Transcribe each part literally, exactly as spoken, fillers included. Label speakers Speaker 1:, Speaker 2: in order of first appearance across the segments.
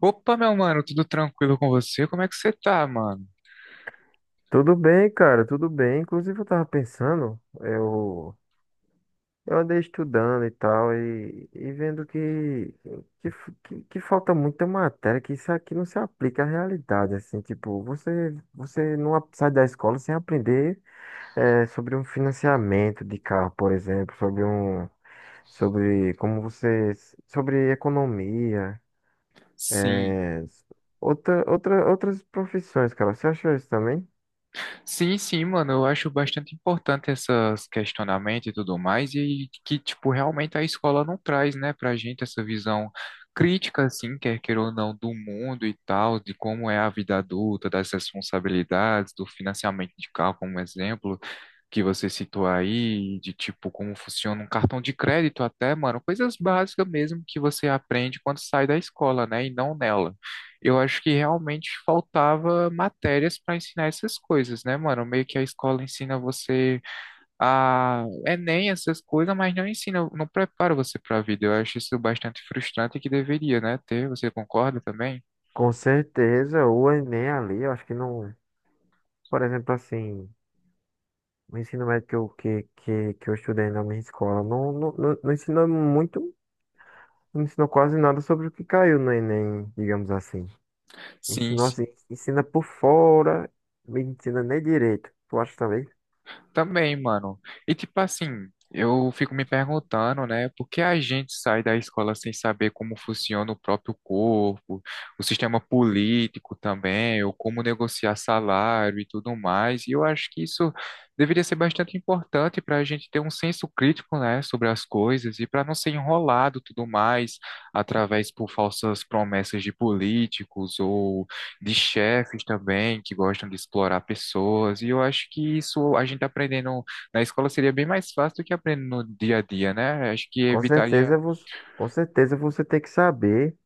Speaker 1: Opa, meu mano, tudo tranquilo com você? Como é que você tá, mano?
Speaker 2: Tudo bem, cara, tudo bem. Inclusive, eu tava pensando, eu, eu andei estudando e tal, e, e vendo que, que, f- que, que falta muita matéria, que isso aqui não se aplica à realidade, assim, tipo, você, você não a- sai da escola sem aprender eh, sobre um financiamento de carro, por exemplo, sobre um, sobre como você, sobre economia,
Speaker 1: Sim,
Speaker 2: eh, outra, outra, outras profissões, cara. Você achou isso também?
Speaker 1: sim, sim, mano, eu acho bastante importante esses questionamentos e tudo mais, e que, tipo, realmente a escola não traz, né, pra gente essa visão crítica, assim, quer queira ou não, do mundo e tal, de como é a vida adulta, das responsabilidades, do financiamento de carro, como exemplo, que você citou aí, de tipo como funciona um cartão de crédito até, mano, coisas básicas mesmo que você aprende quando sai da escola, né, e não nela. Eu acho que realmente faltava matérias para ensinar essas coisas, né, mano? Meio que a escola ensina você a Enem, essas coisas, mas não ensina, não prepara você para a vida. Eu acho isso bastante frustrante e que deveria, né, ter. Você concorda também?
Speaker 2: Com certeza, o Enem ali, eu acho que não. Por exemplo, assim, o ensino médio que eu, que, que, que eu estudei na minha escola não, não, não, não ensinou muito, não ensinou quase nada sobre o que caiu no Enem, digamos assim.
Speaker 1: Sim,
Speaker 2: Ensinou assim,
Speaker 1: sim.
Speaker 2: ensina por fora, não ensina nem direito. Tu acha também?
Speaker 1: Também, mano. E tipo assim, eu fico me perguntando, né, por que a gente sai da escola sem saber como funciona o próprio corpo, o sistema político também, ou como negociar salário e tudo mais. E eu acho que isso deveria ser bastante importante para a gente ter um senso crítico, né, sobre as coisas e para não ser enrolado tudo mais através por falsas promessas de políticos ou de chefes também que gostam de explorar pessoas, e eu acho que isso a gente aprendendo na escola seria bem mais fácil do que aprendendo no dia a dia, né? Acho que
Speaker 2: Com
Speaker 1: evitaria,
Speaker 2: certeza você, com certeza você tem que saber.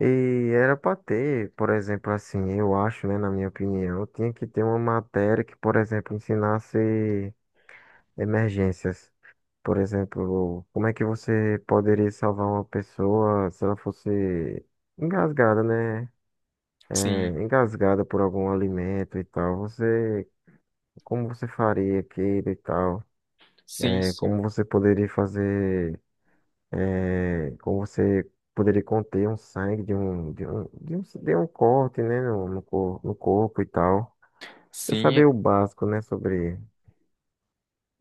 Speaker 2: E era para ter, por exemplo, assim, eu acho, né, na minha opinião, tinha que ter uma matéria que, por exemplo, ensinasse emergências. Por exemplo, como é que você poderia salvar uma pessoa se ela fosse engasgada, né? É,
Speaker 1: sim,
Speaker 2: engasgada por algum alimento e tal. Você, como você faria aquilo e tal?
Speaker 1: sim,
Speaker 2: É, como
Speaker 1: sim.
Speaker 2: você poderia fazer? É, como você poderia conter um sangue de um de um, de um, de um corte, né? No, no, cor- no corpo e tal. Você saber
Speaker 1: Sim,
Speaker 2: o básico, né? Sobre.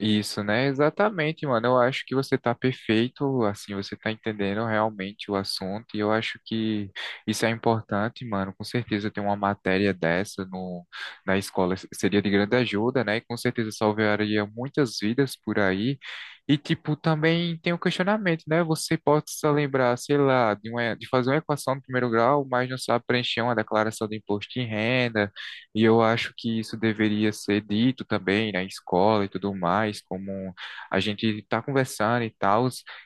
Speaker 1: isso, né? Exatamente, mano. Eu acho que você tá perfeito, assim, você tá entendendo realmente o assunto, e eu acho que isso é importante, mano. Com certeza ter uma matéria dessa no, na escola seria de grande ajuda, né? E com certeza salvaria muitas vidas por aí. E, tipo, também tem um questionamento, né? Você pode se lembrar, sei lá, de, uma, de fazer uma equação de primeiro grau, mas não sabe preencher uma declaração de imposto de renda, e eu acho que isso deveria ser dito também na escola e tudo mais, como a gente está conversando e tal.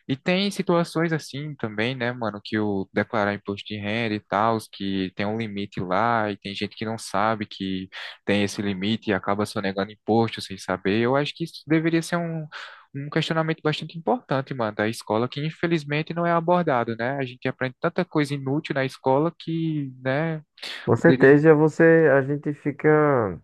Speaker 1: E tem situações assim também, né, mano, que o declarar imposto de renda e tal, que tem um limite lá e tem gente que não sabe que tem esse limite e acaba sonegando imposto sem saber. Eu acho que isso deveria ser um, um questionamento bastante importante, mano, da escola, que infelizmente não é abordado, né? A gente aprende tanta coisa inútil na escola que, né,
Speaker 2: Com
Speaker 1: poderia.
Speaker 2: certeza você a gente fica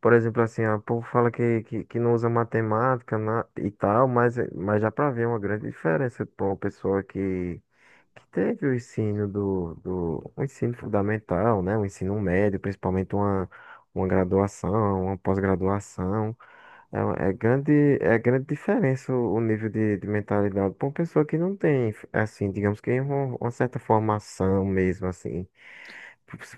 Speaker 2: Por exemplo, assim, ó, o povo fala que, que, que não usa matemática na- e tal, mas, mas já pra ver uma grande diferença para uma pessoa que, que teve o ensino do, do o ensino fundamental, né? O ensino médio, principalmente uma, uma graduação, uma pós-graduação. É, uma- é grande, é grande diferença o, o nível de, de mentalidade para uma pessoa que não tem, assim, digamos que uma, uma certa formação mesmo, assim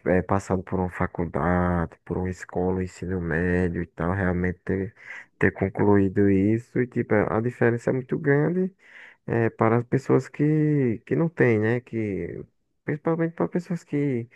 Speaker 2: é, passado por uma faculdade, por uma escola, um ensino médio e tal, realmente ter, ter concluído isso, e tipo, a diferença é muito grande é, para as pessoas que, que não têm, né? Que, principalmente para pessoas que,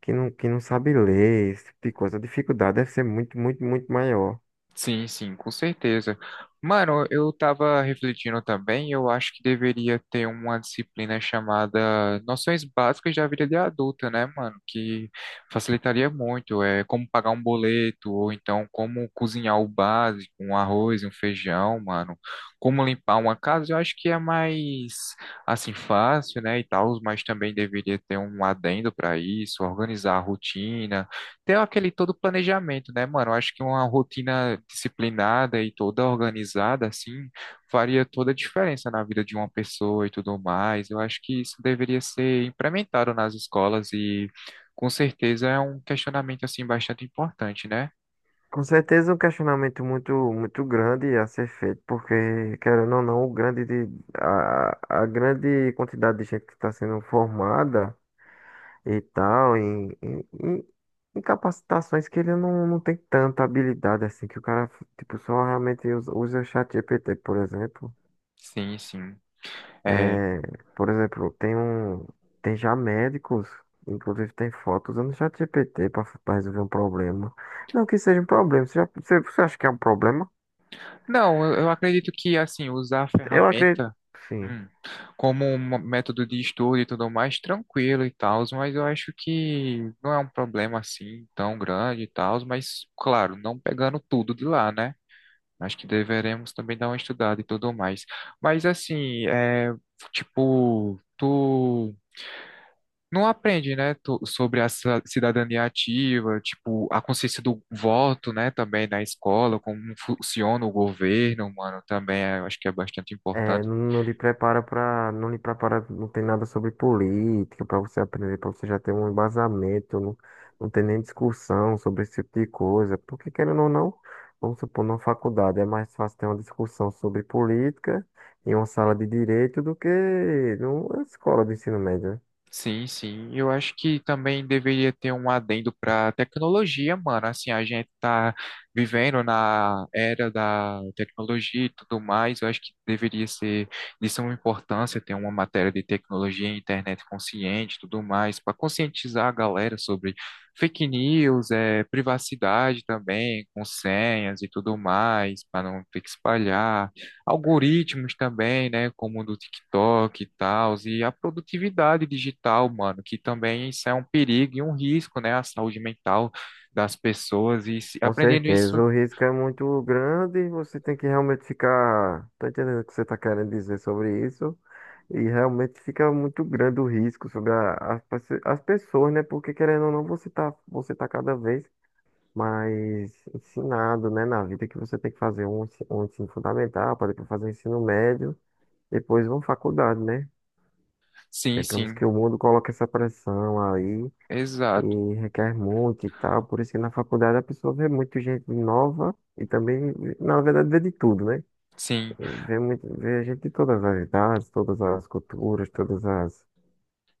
Speaker 2: que não, que não sabem ler, esse tipo de coisa, a dificuldade deve ser muito, muito, muito maior.
Speaker 1: Sim, sim, com certeza. Mano, eu tava refletindo também, eu acho que deveria ter uma disciplina chamada Noções Básicas da Vida de Adulta, né, mano? Que facilitaria muito, é como pagar um boleto, ou então como cozinhar o básico, um arroz, um feijão, mano. Como limpar uma casa, eu acho que é mais, assim, fácil, né, e tal, mas também deveria ter um adendo para isso, organizar a rotina, ter aquele todo planejamento, né, mano? Eu acho que uma rotina disciplinada e toda organizada, assim, faria toda a diferença na vida de uma pessoa e tudo mais. Eu acho que isso deveria ser implementado nas escolas e, com certeza, é um questionamento, assim, bastante importante, né?
Speaker 2: Com certeza um questionamento muito, muito grande a ser feito, porque, querendo ou não, o grande de, a, a grande quantidade de gente que está sendo formada e tal, em, em, em- em capacitações que ele não, não tem tanta habilidade assim, que o cara, tipo, só realmente usa, usa o chat G P T, por exemplo.
Speaker 1: Sim, sim. É,
Speaker 2: É, por exemplo, tem um, tem já médicos, inclusive tem fotos usando o chat G P T para resolver um problema. Não que seja um problema, você, já- você, você acha que é um problema?
Speaker 1: não, eu eu acredito que, assim, usar
Speaker 2: Eu
Speaker 1: ferramentas.
Speaker 2: acredito, sim.
Speaker 1: Hum. Como um método de estudo e tudo mais, tranquilo e tal, mas eu acho que não é um problema assim tão grande e tal, mas claro, não pegando tudo de lá, né? Acho que deveremos também dar uma estudada e tudo mais. Mas assim, é, tipo, tu não aprende, né, tu- sobre a ci- cidadania ativa, tipo, a consciência do voto, né, também na escola, como funciona o governo, mano, também é- eu acho que é bastante
Speaker 2: É,
Speaker 1: importante.
Speaker 2: não, não lhe prepara para, não lhe prepara, não tem nada sobre política para você aprender, para você já ter um embasamento, não, não tem nem discussão sobre esse tipo de coisa. Porque querendo ou não, vamos supor, numa faculdade é mais fácil ter uma discussão sobre política em uma sala de direito do que numa escola de ensino médio, né?
Speaker 1: Sim, sim. Eu acho que também deveria ter um adendo para tecnologia, mano. Assim, a gente tá vivendo na era da tecnologia e tudo mais. Eu acho que deveria ser de suma importância ter uma matéria de tecnologia, internet consciente, e tudo mais, para conscientizar a galera sobre fake news, é, privacidade também, com senhas e tudo mais, para não ter que espalhar algoritmos também, né, como o do TikTok e tal, e a produtividade digital, mano, que também isso é um perigo e um risco, né, à saúde mental das pessoas e se-
Speaker 2: Com
Speaker 1: aprendendo isso,
Speaker 2: certeza, o risco é muito grande e você tem que realmente ficar. Tô entendendo o que você está querendo dizer sobre isso. E realmente fica muito grande o risco sobre a- as, pessoa- as pessoas, né? Porque querendo ou não, você tá, você tá cada vez mais ensinado, né? Na vida que você tem que fazer um, ensi- um ensino fundamental, para depois fazer um ensino médio, depois uma faculdade, né?
Speaker 1: sim,
Speaker 2: Digamos
Speaker 1: sim,
Speaker 2: que o mundo coloca essa pressão aí
Speaker 1: exato,
Speaker 2: e requer muito e tal. Por isso que na faculdade a pessoa vê muito gente nova e também, na verdade, vê de tudo, né?
Speaker 1: sim,
Speaker 2: Vê, muito, vê gente de todas as idades, todas as culturas, todas as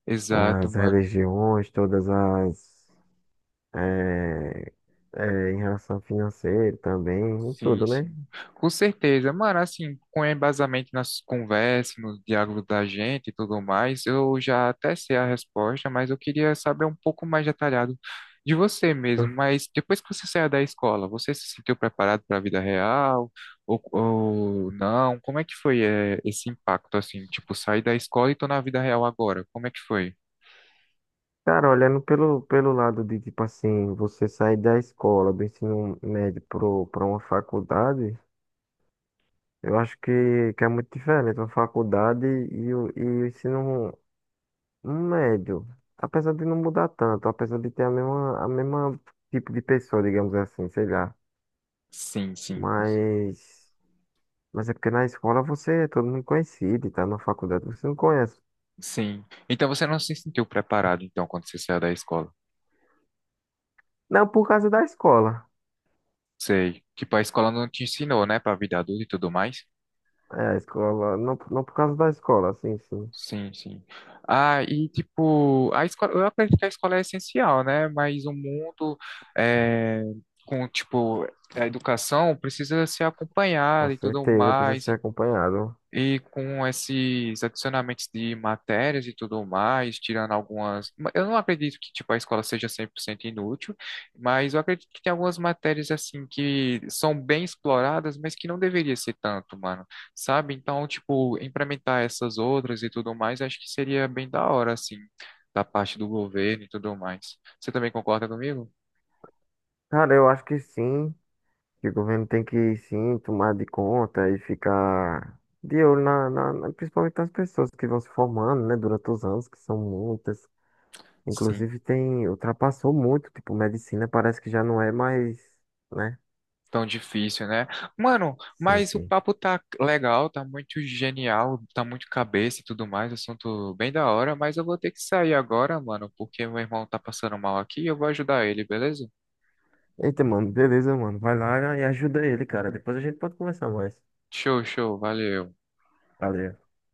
Speaker 1: exato,
Speaker 2: as
Speaker 1: mano.
Speaker 2: religiões, todas as. eh, eh, em relação financeira também, e
Speaker 1: Sim,
Speaker 2: tudo, né?
Speaker 1: sim. Com certeza. Mano, assim, com embasamento nas conversas, nos diálogos da gente e tudo mais, eu já até sei a resposta, mas eu queria saber um pouco mais detalhado de você mesmo. Mas depois que você saiu da escola, você se sentiu preparado para a vida real ou, ou não? Como é que foi, eh, esse impacto, assim? Tipo, sair da escola e tô na vida real agora. Como é que foi?
Speaker 2: Cara, olhando pelo, pelo lado de, tipo assim, você sair da escola, do ensino médio pro, pra uma faculdade, eu acho que, que é muito diferente uma faculdade e o, e o ensino médio. Apesar de não mudar tanto, apesar de ter a mesma, a mesma tipo de pessoa, digamos assim, sei lá.
Speaker 1: Sim, sim, com-
Speaker 2: Mas. Mas é porque na escola você é todo mundo conhecido e tá na faculdade você não conhece.
Speaker 1: sim. Então você não se sentiu preparado, então, quando você saiu da escola?
Speaker 2: Não por causa da escola.
Speaker 1: Sei. Tipo, a escola não te ensinou, né, pra vida adulta e tudo mais.
Speaker 2: É, a escola, não, não por causa da escola, sim, sim.
Speaker 1: Sim, sim. Ah, e tipo, a escola, eu acredito que a escola é essencial, né? Mas o mundo é, com, tipo, a educação precisa ser
Speaker 2: Com
Speaker 1: acompanhada e tudo
Speaker 2: certeza precisa
Speaker 1: mais.
Speaker 2: ser acompanhado.
Speaker 1: E com esses adicionamentos de matérias e tudo mais, tirando algumas. Eu não acredito que tipo, a escola seja cem por cento inútil, mas eu acredito que tem algumas matérias assim que são bem exploradas, mas que não deveria ser tanto, mano. Sabe? Então, tipo, implementar essas outras e tudo mais, acho que seria bem da hora, assim, da parte do governo e tudo mais. Você também concorda comigo?
Speaker 2: Cara, eu acho que sim, que o governo tem que sim tomar de conta e ficar de olho na, na- na- principalmente nas pessoas que vão se formando, né, durante os anos, que são muitas.
Speaker 1: Sim.
Speaker 2: Inclusive tem, ultrapassou muito, tipo, medicina parece que já não é mais, né?
Speaker 1: Tão difícil, né? Mano,
Speaker 2: Sim,
Speaker 1: mas o
Speaker 2: sim.
Speaker 1: papo tá legal, tá muito genial, tá muito cabeça e tudo mais, assunto bem da hora, mas eu vou ter que sair agora, mano, porque meu irmão tá passando mal aqui e eu vou ajudar ele, beleza?
Speaker 2: Eita, mano, beleza, mano. Vai lá e ajuda ele, cara. Depois a gente pode conversar mais.
Speaker 1: Show, show, valeu.
Speaker 2: Valeu.